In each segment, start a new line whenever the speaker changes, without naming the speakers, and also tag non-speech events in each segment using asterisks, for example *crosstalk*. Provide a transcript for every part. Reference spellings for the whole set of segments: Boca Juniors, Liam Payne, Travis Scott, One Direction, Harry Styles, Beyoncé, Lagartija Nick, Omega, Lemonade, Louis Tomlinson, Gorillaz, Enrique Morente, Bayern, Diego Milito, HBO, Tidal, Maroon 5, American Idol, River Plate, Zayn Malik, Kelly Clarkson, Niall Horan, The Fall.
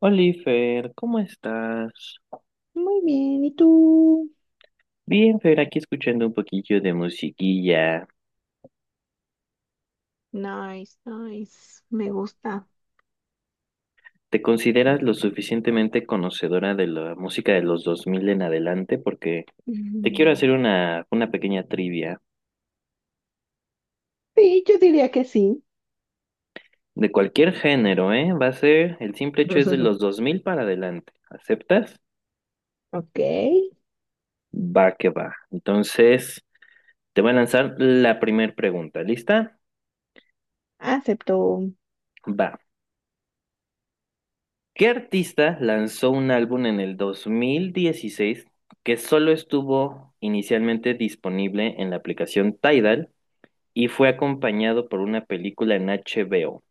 Oliver, ¿cómo estás?
Muy bien, ¿y tú?
Bien, Fer, aquí escuchando un poquillo de musiquilla.
Nice, nice. Me gusta.
¿Te consideras lo suficientemente conocedora de la música de los 2000 en adelante? Porque te quiero hacer
Mm.
una pequeña trivia.
Sí, yo diría que sí.
De cualquier género, ¿eh? Va a ser, el simple hecho es de
*laughs*
los 2000 para adelante. ¿Aceptas?
Ok.
Va que va. Entonces, te voy a lanzar la primera pregunta. ¿Lista?
Acepto
Va. ¿Qué artista lanzó un álbum en el 2016 que solo estuvo inicialmente disponible en la aplicación Tidal y fue acompañado por una película en HBO?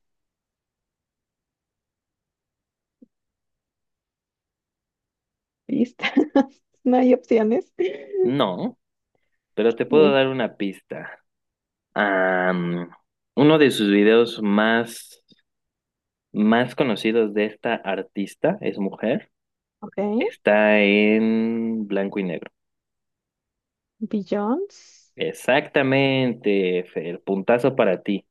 pistas. *laughs* No hay opciones. Ve.
No, pero te puedo dar una pista. Am, Uno de sus videos más, más conocidos de esta artista, es mujer,
Ok.
está en blanco y negro.
Billions.
Exactamente, Fer, puntazo para ti.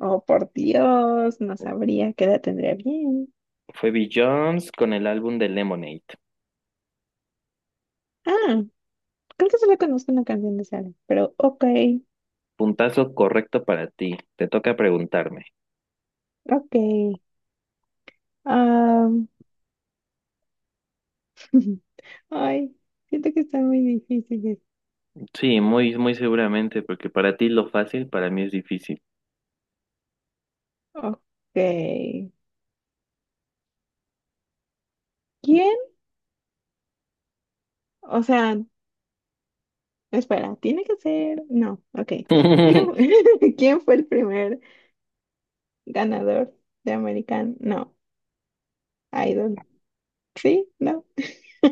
Oh, por Dios, no sabría qué edad tendría bien.
Fue Jones con el álbum de Lemonade.
Ah, Creo que solo conozco una canción de Sara, pero ok,
Puntazo correcto para ti. Te toca preguntarme.
ok. Ah, *laughs* ay, Siento que está muy difícil.
Sí, muy, muy seguramente, porque para ti lo fácil, para mí es difícil.
Ok. ¿Quién O sea, Espera, tiene que ser. No, ok. ¿Quién,
*laughs*
fu- *laughs* ¿Quién fue el primer ganador de American? No, Idol. Sí, no.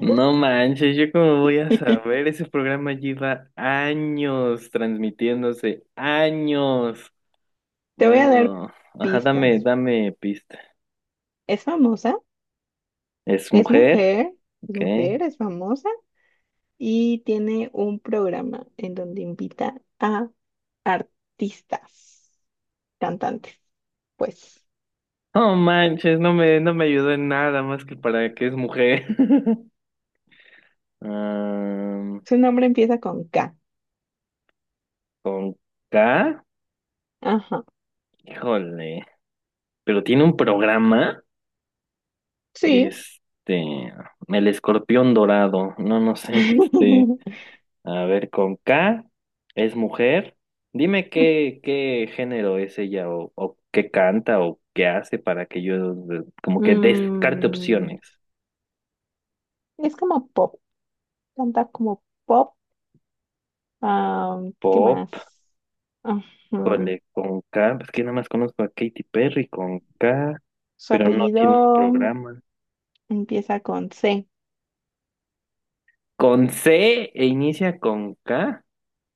No manches, yo cómo voy a
*laughs* Te
saber, ese programa lleva años transmitiéndose, años.
voy a dar
Bueno, ajá, dame,
pistas.
dame pista.
Es famosa,
Es
es
mujer,
mujer,
ok.
es famosa y tiene un programa en donde invita a artistas, cantantes. Pues
No manches, no me ayudó en nada más que para que es mujer. *laughs* Ah,
su nombre empieza con K.
con K,
Ajá.
híjole, pero tiene un programa.
Sí.
Este, el escorpión dorado, no, no sé, *laughs* este,
*laughs*
a ver, con K, es mujer. Dime qué, qué género es ella o qué canta o qué hace para que yo como que descarte
Mm,
opciones.
Es como pop, canta como pop. Ah, ¿Qué
Pop,
más? Ujú.
cole, con K, pues que nada más conozco a Katy Perry con K,
Su
pero no tiene un
apellido
programa.
empieza con C.
Con C e inicia con K.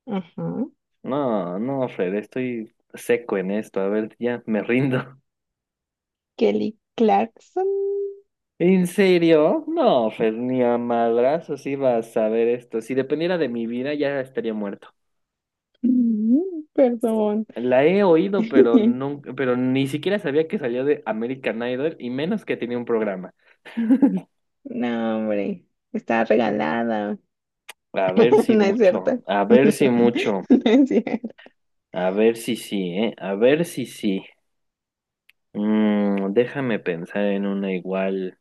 Ujú.
No, no, Fred, estoy seco en esto, a ver, ya me rindo.
Kelly Clarkson.
¿En serio? No, Fer, ni a madrazos iba a saber esto. Si dependiera de mi vida, ya estaría muerto.
Mm, Perdón.
La he oído, pero
*laughs*
nunca, pero ni siquiera sabía que salió de American Idol y menos que tenía un programa.
No, hombre, está regalada.
A ver
*laughs*
si
No es
mucho,
cierto.
a ver si mucho,
*laughs* No es cierto.
a ver si sí, ¿eh? A ver si sí. Déjame pensar en una igual.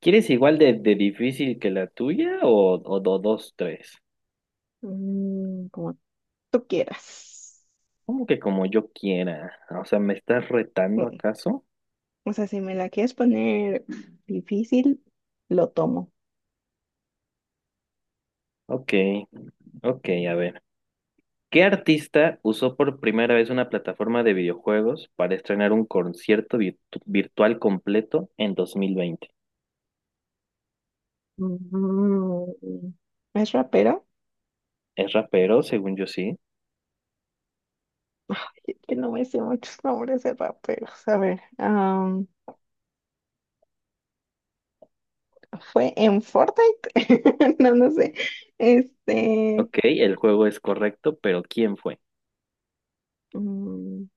¿Quieres igual de difícil que la tuya o dos, tres?
Como tú quieras.
Como que como yo quiera. O sea, ¿me estás retando
Mm,
acaso?
O sea, si me la quieres poner difícil, lo tomo.
Ok. Ok, a ver. ¿Qué artista usó por primera vez una plataforma de videojuegos para estrenar un concierto virtual completo en 2020?
Mm. ¿Es rapero?
¿Es rapero, según yo sí?
Que no me sé muchos nombres de raperos. A ver, ¿fue en Fortnite? *laughs* No, no sé. Este,
Ok, el juego es correcto, pero ¿quién fue?
mm,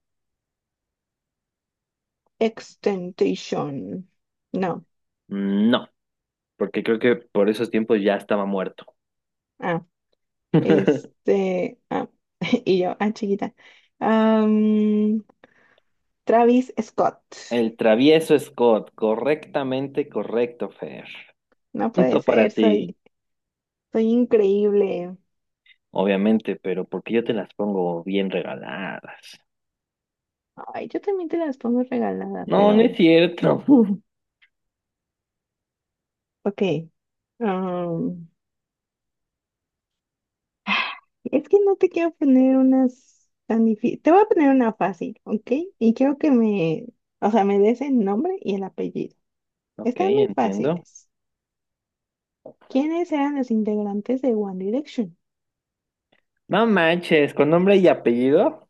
Extentation. No.
No, porque creo que por esos tiempos ya estaba muerto.
Ah,
*laughs*
este, ah, *laughs* chiquita. Am, Travis Scott.
El travieso Scott, correctamente correcto, Fer.
No puede
Punto para
ser,
ti,
soy increíble.
obviamente, pero porque yo te las pongo bien regaladas.
Ay, yo también te las pongo regalada,
No, no es
pero,
cierto. *laughs*
ok. Es que no te quiero poner unas tan difíciles. Te voy a poner una fácil, ¿ok? Y quiero que me, o sea, me des el nombre y el apellido.
Ok,
Están muy
entiendo.
fáciles. ¿Quiénes eran los integrantes de One Direction?
No manches, con nombre y apellido.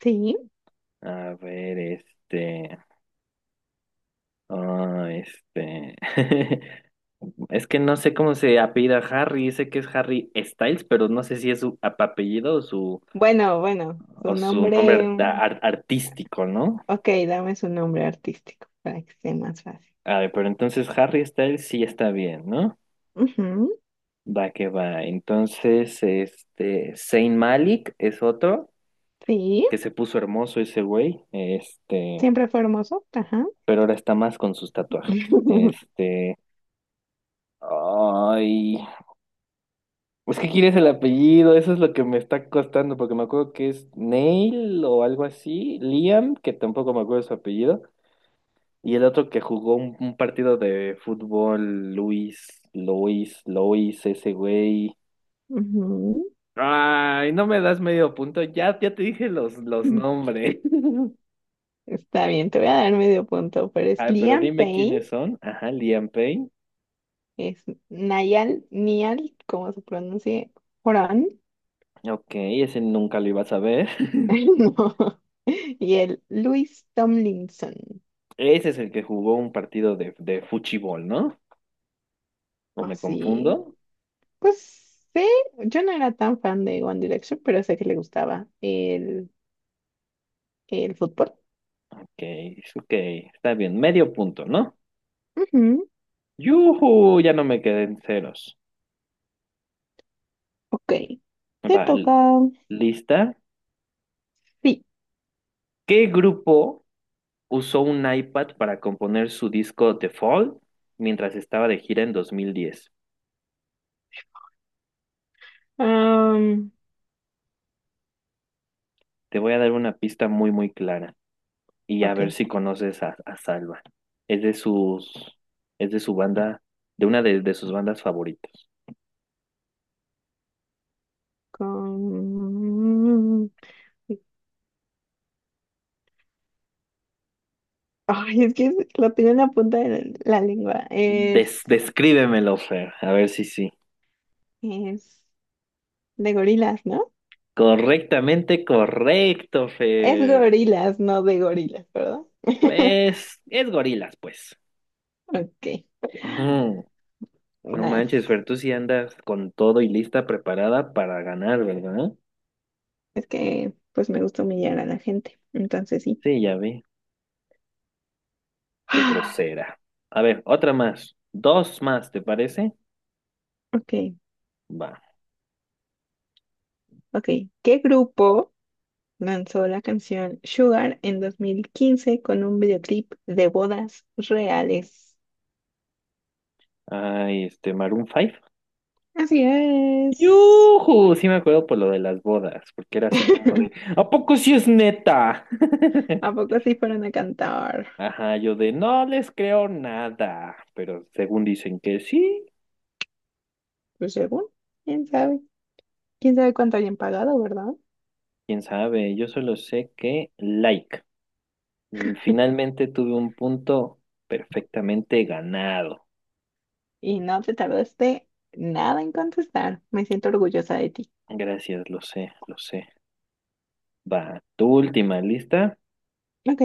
Sí.
A ver, este. Ah, este. *laughs* Es que no sé cómo se apellida Harry. Sé que es Harry Styles, pero no sé si es su apellido
Bueno, su
o su nombre
nombre. Mm.
artístico, ¿no?
Ok, dame su nombre artístico para que sea más fácil.
A ver, pero entonces Harry Styles sí está bien, ¿no?
Ujú.
Va que va. Entonces, este. Zayn Malik es otro
Sí.
que se puso hermoso ese güey. Este.
Siempre fue hermoso. Ajá.
Pero ahora está más con sus tatuajes.
*laughs*
Este. Ay, ¿es que quieres el apellido, eso es lo que me está costando, porque me acuerdo que es Neil o algo así, Liam, que tampoco me acuerdo su apellido, y el otro que jugó un partido de fútbol, Luis, ese güey.
Ujú.
Ay, no me das medio punto, ya te dije los nombres. *laughs*
Está bien, te voy a dar medio punto, pero es
Ay, pero
Liam
dime
Payne.
quiénes son. Ajá, Liam Payne.
Es Nayal, Nial, como se pronuncie, Horan.
Ok, ese nunca lo ibas a ver. *laughs*
*laughs* No. Y el Luis Tomlinson.
Ese es el que jugó un partido de fútbol, ¿no? ¿O me confundo?
Así, pues sé, yo no era tan fan de One Direction, pero sé que le gustaba el fútbol.
Ok, ok, está bien, medio punto, ¿no?
Ujú.
¡Yuhu! Ya no me quedé en ceros.
Ok, te
Vale,
toca.
¿lista?
Sí.
¿Qué grupo usó un iPad para componer su disco The Fall mientras estaba de gira en 2010?
am,
Te voy a dar una pista muy, muy clara y a ver
ok.
si conoces a Salva. Es de sus, es de su banda, de sus bandas favoritas.
Con... Ay, es que lo tengo en la punta de la lengua.
Descríbemelo, Fer, a ver si sí.
Es de gorilas, ¿no?
Correctamente correcto,
Es
Fer.
gorilas, no de gorilas, ¿verdad? *laughs*
Es gorilas, pues.
Ok,
Ujú. No manches,
nice.
Fer, tú sí andas con todo y lista preparada para ganar, ¿verdad?
Es que pues me gusta humillar a la gente, entonces sí.
Sí, ya vi. Qué
*gasps*
grosera. A ver, otra más. Dos más, ¿te parece?
*sighs* Ok,
Va.
ok. ¿Qué grupo lanzó la canción Sugar en 2015 con un videoclip de bodas reales?
Ay, este, Maroon 5.
Así es.
¡Yujú! Sí me acuerdo por lo de las bodas, porque era así como de,
*laughs*
¿a poco sí es neta?
¿A
*laughs*
poco sí fueron a cantar?
Ajá, yo de, no les creo nada, pero según dicen que sí.
Pues según, quién sabe. ¿Quién sabe cuánto hayan pagado, verdad?
Quién sabe, yo solo sé que like. Finalmente tuve un punto perfectamente ganado.
Y no te tardaste nada en contestar. Me siento orgullosa de ti.
Gracias, lo sé, lo sé. Va, tu última, ¿lista?
Ok,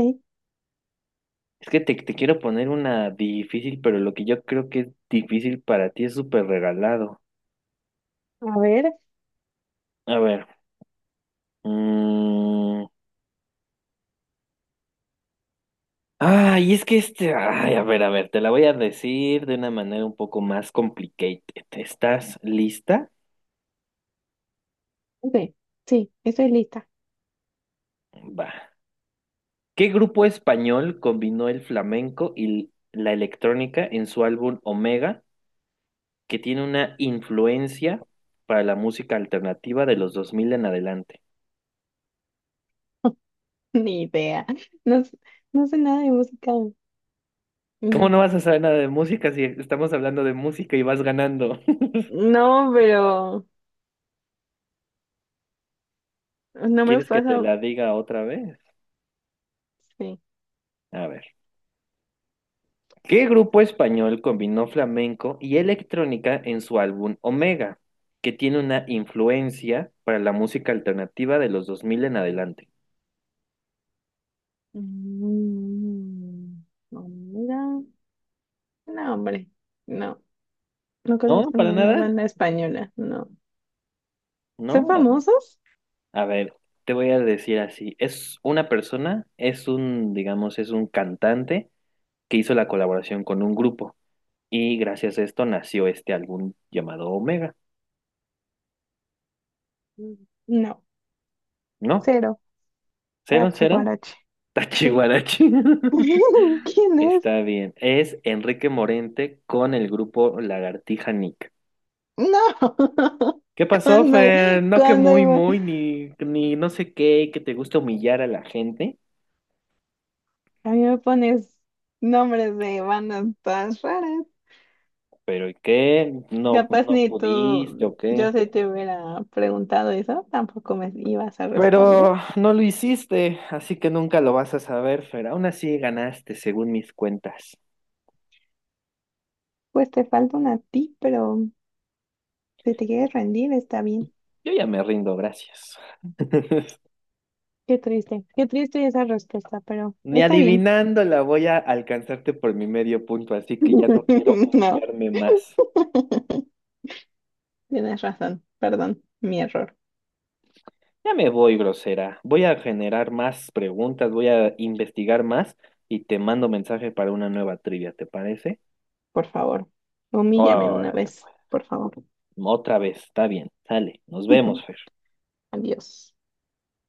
Es que te quiero poner una difícil, pero lo que yo creo que es difícil para ti es súper regalado.
a ver.
A ver. mm, Ay, es que este. Ay, a ver, te la voy a decir de una manera un poco más complicated. ¿Estás lista?
Ok, sí, estoy lista.
Va. ¿Qué grupo español combinó el flamenco y la electrónica en su álbum Omega, que tiene una influencia para la música alternativa de los 2000 en adelante?
*laughs* Ni idea. No, s- no sé nada de música.
¿Cómo
No,
no vas a saber nada de música si estamos hablando de música y vas ganando? *laughs*
no, pero no me
¿Quieres que te
pasa.
la diga otra vez?
Sí.
A ver. ¿Qué grupo español combinó flamenco y electrónica en su álbum Omega, que tiene una influencia para la música alternativa de los 2000 en adelante?
Mm, no, mira. No, hombre. No, no
¿No?
conozco
¿Para
ninguna
nada?
banda española. No. ¿Son
¿No?
famosos?
A ver, te voy a decir así. Es una persona, es un, digamos, es un cantante que hizo la colaboración con un grupo y gracias a esto nació este álbum llamado Omega,
Mm. No.
¿no?
Cero.
Cero,
Tache,
cero,
guarache. Sí.
Tachihuarachi. *laughs*
*laughs* ¿Quién es?
Está bien. Es Enrique Morente con el grupo Lagartija Nick.
No. *laughs*
¿Qué pasó,
cuando,
Fer? No que
Cuando
muy, muy, ni no sé qué, que te gusta humillar a la gente,
a mí me pones nombres de bandas todas raras.
pero ¿y qué? ¿No,
Capaz
no
ni
pudiste
tú,
o qué?
yo si te hubiera preguntado eso, tampoco me ibas a
Pero
responder.
no lo hiciste, así que nunca lo vas a saber, Fer. Aún así ganaste, según mis cuentas.
Pues te falta una a ti, pero si te quieres rendir, está bien.
Yo ya me rindo, gracias. *laughs*
Qué triste esa respuesta, pero
Ni
está bien.
adivinándola voy a alcanzarte por mi medio punto, así que ya no quiero
*laughs* No,
humillarme más.
tienes razón, perdón, mi error,
Ya me voy, grosera. Voy a generar más preguntas, voy a investigar más y te mando mensaje para una nueva trivia, ¿te parece?
por favor. Humíllame una
Órale,
vez,
pues.
por favor.
Otra vez, está bien. Sale, nos vemos,
*laughs*
Fer.
Adiós.